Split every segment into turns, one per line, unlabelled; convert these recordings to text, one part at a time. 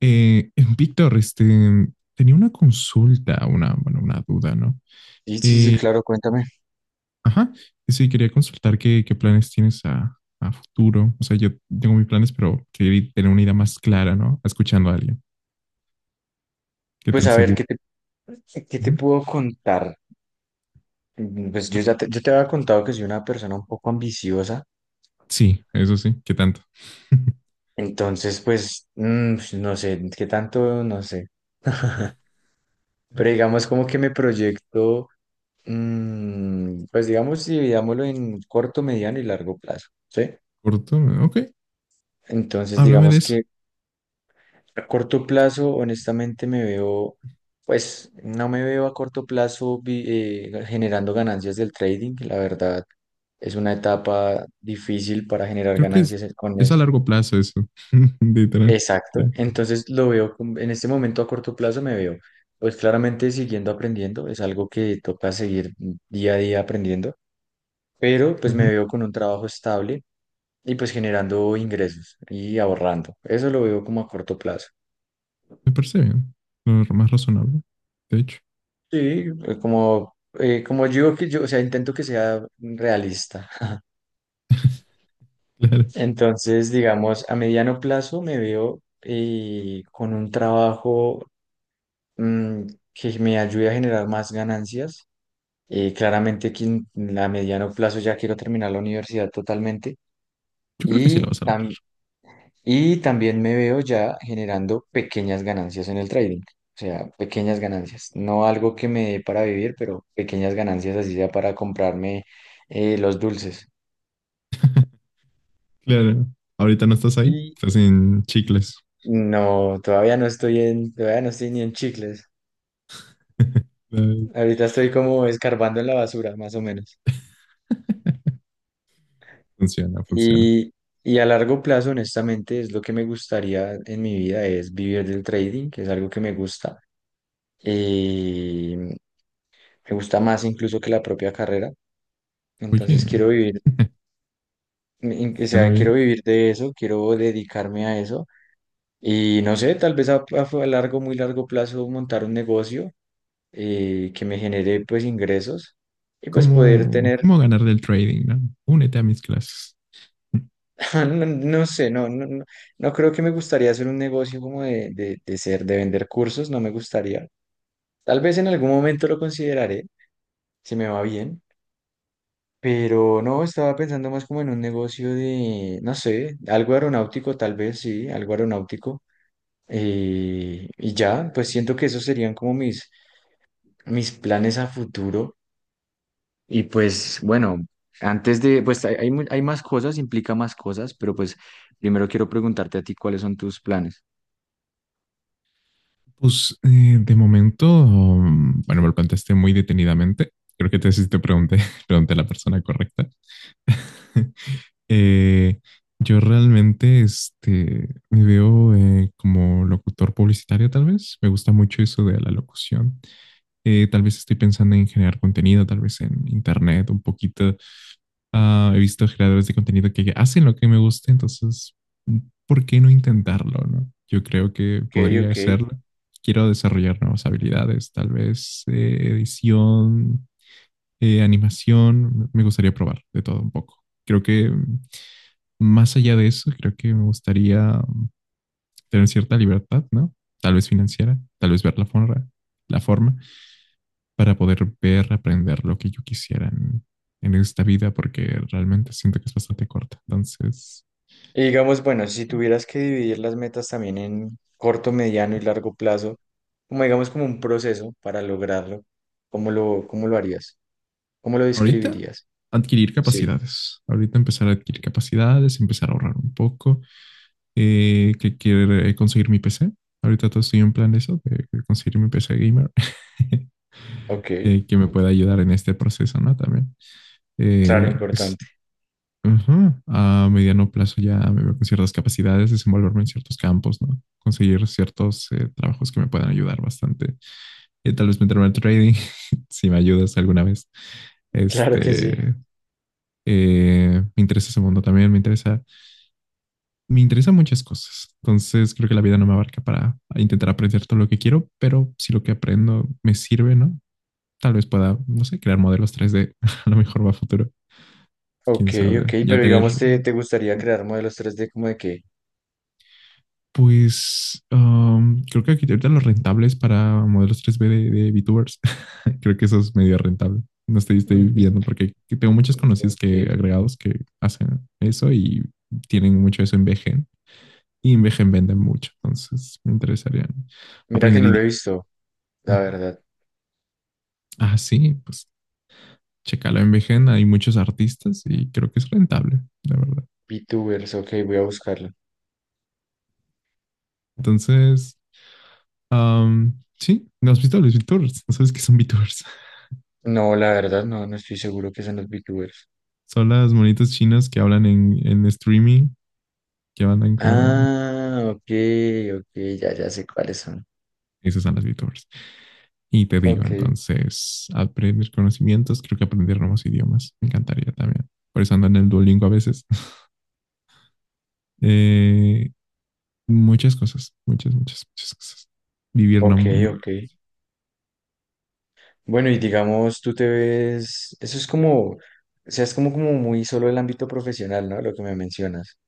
Eh, Víctor, este, tenía una consulta, una, bueno, una duda, ¿no?
Sí, sí, sí,
Eh,
claro, cuéntame.
ajá, sí, quería consultar qué planes tienes a futuro. O sea, yo tengo mis planes, pero quería tener una idea más clara, ¿no? Escuchando a alguien. ¿Qué
Pues
tan
a ver,
seguro?
¿qué te
Ujú.
puedo contar? Pues yo te había contado que soy una persona un poco ambiciosa,
Sí, eso sí, ¿qué tanto?
entonces pues pues, no sé, qué tanto, no sé. Pero digamos como que me proyecto, pues digamos, dividámoslo en corto, mediano y largo plazo, ¿sí?
Corto, ok,
Entonces
háblame de
digamos
eso.
que a corto plazo, honestamente, me veo, pues no me veo a corto plazo generando ganancias del trading. La verdad, es una etapa difícil para generar
Creo que es,
ganancias con
es a
esto.
largo plazo eso, literal.
Exacto.
Ya.
Entonces, lo veo en este momento a corto plazo, me veo, pues claramente siguiendo aprendiendo. Es algo que toca seguir día a día aprendiendo, pero pues me
Ujú.
veo con un trabajo estable y pues generando ingresos y ahorrando. Eso lo veo como a corto plazo.
Me parece bien, lo más razonable, de hecho.
Sí, como, como digo que yo, o sea, intento que sea realista.
Claro.
Entonces, digamos, a mediano plazo me veo con un trabajo mm, que me ayude a generar más ganancias. Claramente que a mediano plazo ya quiero terminar la universidad totalmente.
Yo creo que sí lo
Y
vas a lograr.
tam- Y también me veo ya generando pequeñas ganancias en el trading, o sea, pequeñas ganancias, no algo que me dé para vivir, pero pequeñas ganancias así sea para comprarme los dulces.
Claro. Ahorita no estás ahí,
Y
estás en chicles.
no, todavía no estoy ni en chicles.
Ay,
Ahorita estoy como escarbando en la basura, más o menos.
funciona, funciona.
Y, y a largo plazo, honestamente, es lo que me gustaría en mi vida, es vivir del trading, que es algo que me gusta. Me gusta más incluso que la propia carrera.
Oye,
Entonces quiero vivir, o
suena
sea,
bien.
quiero vivir de eso, quiero dedicarme a eso y no sé, tal vez largo, muy largo plazo montar un negocio que me genere pues ingresos y pues poder
¿Cómo,
tener,
cómo ganar del trading, no? Únete a mis clases.
no, no sé, no, no, no, no creo que me gustaría hacer un negocio como de ser, de vender cursos, no me gustaría. Tal vez en algún momento lo consideraré, si me va bien. Pero no, estaba pensando más como en un negocio de, no sé, algo aeronáutico, tal vez, sí, algo aeronáutico. Y ya, pues siento que esos serían como mis, mis planes a futuro. Y pues bueno, antes de, pues hay más cosas, implica más cosas, pero pues primero quiero preguntarte a ti cuáles son tus planes.
Pues de momento, bueno, me lo planteaste muy detenidamente. Creo que te sí te pregunté, pregunté a la persona correcta. Eh, yo realmente este, me veo como locutor publicitario, tal vez. Me gusta mucho eso de la locución. Tal vez estoy pensando en generar contenido, tal vez en internet, un poquito. Ah, he visto creadores de contenido que hacen lo que me gusta, entonces, ¿por qué no intentarlo, no? Yo creo que
Ok,
podría
ok.
hacerlo. Quiero desarrollar nuevas habilidades, tal vez edición, animación. Me gustaría probar de todo un poco. Creo que más allá de eso, creo que me gustaría tener cierta libertad, ¿no? Tal vez financiera, tal vez ver la forma, la forma para poder ver, aprender lo que yo quisiera en esta vida, porque realmente siento que es bastante corta. Entonces,
Y digamos, bueno, si tuvieras que dividir las metas también en corto, mediano y largo plazo, como digamos como un proceso para lograrlo, ¿cómo lo harías? ¿Cómo lo
ahorita
describirías?
adquirir
Sí,
capacidades. Ahorita empezar a adquirir capacidades, empezar a ahorrar un poco, que quiero conseguir mi PC. Ahorita todo estoy en plan de eso, de conseguir mi PC gamer,
ok,
que me pueda ayudar en este proceso, ¿no? También
claro,
es.
importante.
Ajá. A mediano plazo ya me veo con ciertas capacidades, desenvolverme en ciertos campos, ¿no? Conseguir ciertos trabajos que me puedan ayudar bastante. Tal vez meterme al trading, si me ayudas alguna vez.
Claro que sí.
Este, me interesa ese mundo también, me interesa, me interesan muchas cosas. Entonces creo que la vida no me abarca para intentar aprender todo lo que quiero, pero si lo que aprendo me sirve, ¿no? Tal vez pueda, no sé, crear modelos 3D, a lo mejor va a futuro,
Ok,
quién sabe.
ok,
Ya
pero
tener.
digamos, ¿te gustaría crear modelos 3D como de qué?
Pues creo que aquí ahorita lo rentable es para modelos 3B de VTubers. Creo que eso es medio rentable. No estoy
Vi-
viendo porque tengo muchos conocidos
Ok,
que agregados que hacen eso y tienen mucho eso en VGen. Y en VGen venden mucho. Entonces me interesaría
mira que
aprender
no lo he
idiomas.
visto, la verdad.
Ah, sí, pues checalo en VGen. Hay muchos artistas y creo que es rentable, la verdad.
VTubers, ok, voy a buscarlo.
Entonces, sí, ¿no has visto los VTubers? ¿No sabes qué son VTubers?
No, la verdad, no, no estoy seguro que sean los VTubers.
Son las monitas chinas que hablan en streaming, que andan como...
Ah, ok, ok, ya, ya sé cuáles son.
Esas son las VTubers. Y te digo,
Ok,
entonces, aprender conocimientos, creo que aprender nuevos idiomas, me encantaría también. Por eso ando en el Duolingo a veces. Eh, Muchas cosas, muchas, muchas, muchas cosas. Vivir no.
ok, ok. Bueno, y digamos, tú te ves, eso es como, o sea, es como muy solo el ámbito profesional, ¿no? Lo que me mencionas.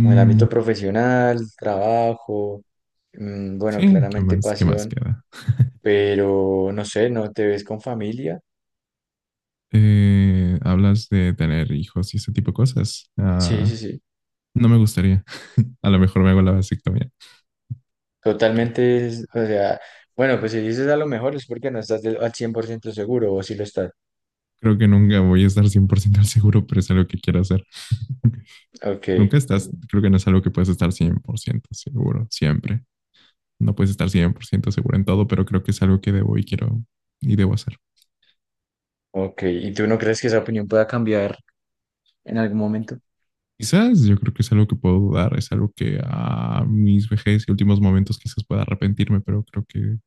Como el ámbito profesional, trabajo, mm, bueno,
sí, ¿qué
claramente
más, qué más
pasión,
queda?
pero no sé, ¿no te ves con familia?
Hablas de tener hijos y ese tipo de cosas.
Sí, sí,
Ah,
sí,
no me gustaría. A lo mejor me hago la vasectomía.
totalmente, es- o sea, bueno, pues si dices a lo mejor es porque no estás del- al 100% seguro o si lo estás.
Creo que nunca voy a estar 100% seguro, pero es algo que quiero hacer. Ok.
Ok,
Nunca estás, creo que no es algo que puedes estar 100% seguro, siempre. No puedes estar 100% seguro en todo, pero creo que es algo que debo y quiero y debo hacer.
ok, ¿y tú no crees que esa opinión pueda cambiar en algún momento?
Quizás yo creo que es algo que puedo dudar, es algo que a mis vejez y últimos momentos quizás pueda arrepentirme, pero creo que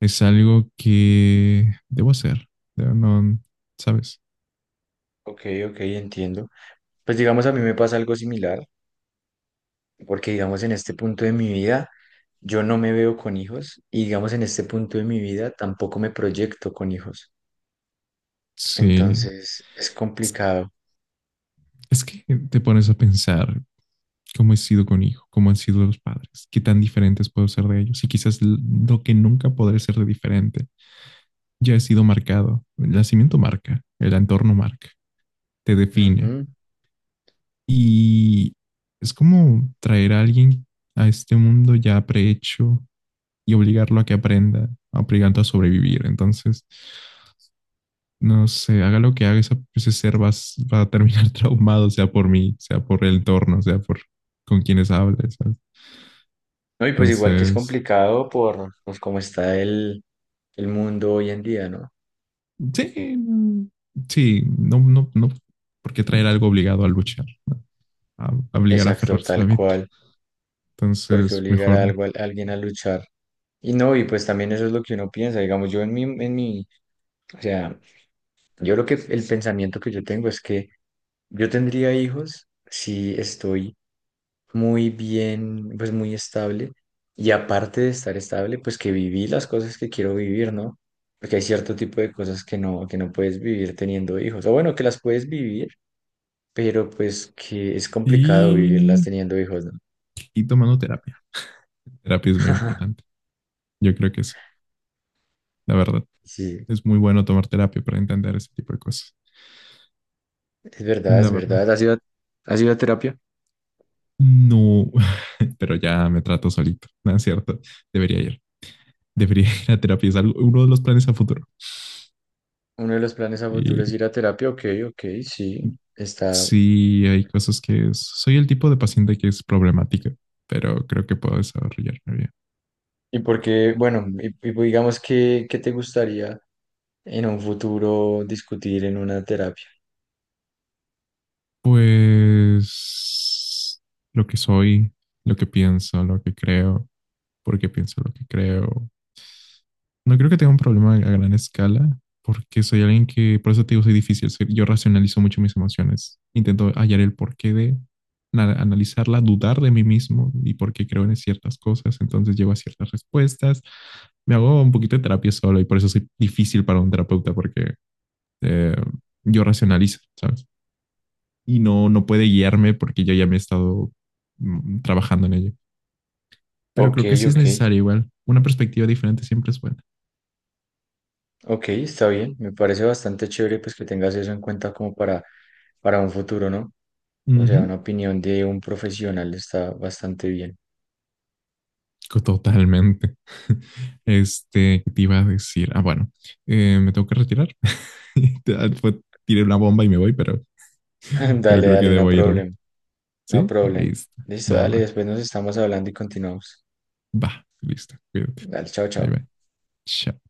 es algo que debo hacer. No, ¿sabes?
Ok, ok, entiendo. Pues digamos, a mí me pasa algo similar, porque digamos, en este punto de mi vida, yo no me veo con hijos y digamos, en este punto de mi vida tampoco me proyecto con hijos.
Sí.
Entonces es
Es,
complicado.
es que te pones a pensar cómo he sido con hijo, cómo han sido los padres, qué tan diferentes puedo ser de ellos y quizás lo que nunca podré ser de diferente ya he sido marcado. El nacimiento marca, el entorno marca, te define.
Ujú.
Y es como traer a alguien a este mundo ya prehecho y obligarlo a que aprenda, obligando a sobrevivir. Entonces, no sé, haga lo que haga, ese ser va a terminar traumado, sea por mí, sea por el entorno, sea por con quienes hable, ¿sabes?
No, y pues igual que es
Entonces,
complicado por pues, cómo está el mundo hoy en día, ¿no?
sí, sí, no, no, no, ¿por qué traer algo obligado a luchar? ¿No? A, a obligar a
Exacto,
aferrarse a la
tal
vida.
cual, porque
Entonces,
obligar a,
mejor.
algo, a alguien a luchar. Y no, y pues también eso es lo que uno piensa, digamos, yo en mi, o sea, yo lo que el pensamiento que yo tengo es que yo tendría hijos si estoy muy bien, pues muy estable. Y aparte de estar estable, pues que viví las cosas que quiero vivir, ¿no? Porque hay cierto tipo de cosas que no puedes vivir teniendo hijos. O bueno, que las puedes vivir, pero pues que es complicado vivirlas
Y,
teniendo hijos, ¿no?
y tomando terapia. Terapia es muy importante. Yo creo que sí, la verdad.
Sí,
Es muy bueno tomar terapia para entender ese tipo de cosas.
es verdad,
La
es
verdad.
verdad. ¿Has ido, has ido a terapia?
No, pero ya me trato solito. No es cierto. Debería ir. Debería ir a terapia. Uno de los planes a futuro.
Uno de los planes a futuro es
Y
ir a terapia. Ok, ok, sí, está.
sí, hay cosas que soy el tipo de paciente que es problemática, pero creo que puedo desarrollarme bien.
¿Y por qué, bueno, y pues, digamos que, qué te gustaría en un futuro discutir en una terapia?
Pues lo que soy, lo que pienso, lo que creo, porque pienso lo que creo. No creo que tenga un problema a gran escala, porque soy alguien que, por eso te digo, soy difícil. Yo racionalizo mucho mis emociones. Intento hallar el porqué de analizarla, dudar de mí mismo y por qué creo en ciertas cosas. Entonces llego a ciertas respuestas. Me hago un poquito de terapia solo y por eso soy difícil para un terapeuta, porque eh, yo racionalizo, ¿sabes? Y no, no puede guiarme porque yo ya me he estado trabajando en ello. Pero
Ok,
creo que sí es
ok,
necesario igual. Una perspectiva diferente siempre es buena.
ok, está bien. Me parece bastante chévere pues que tengas eso en cuenta como para un futuro, ¿no? O sea,
Ujú,
una opinión de un profesional está bastante bien.
totalmente. Este, ¿qué te iba a decir? Ah, bueno, me tengo que retirar. Ah, tiré una bomba y me voy, pero, pero
Dale,
creo que
dale, no
debo irme.
problem, no
¿Sí?
problem.
Listo.
Listo,
Va,
dale,
va,
después nos estamos hablando y continuamos.
va. Listo. Cuídate.
Dale, chao,
Bye,
chao.
bye. Chao.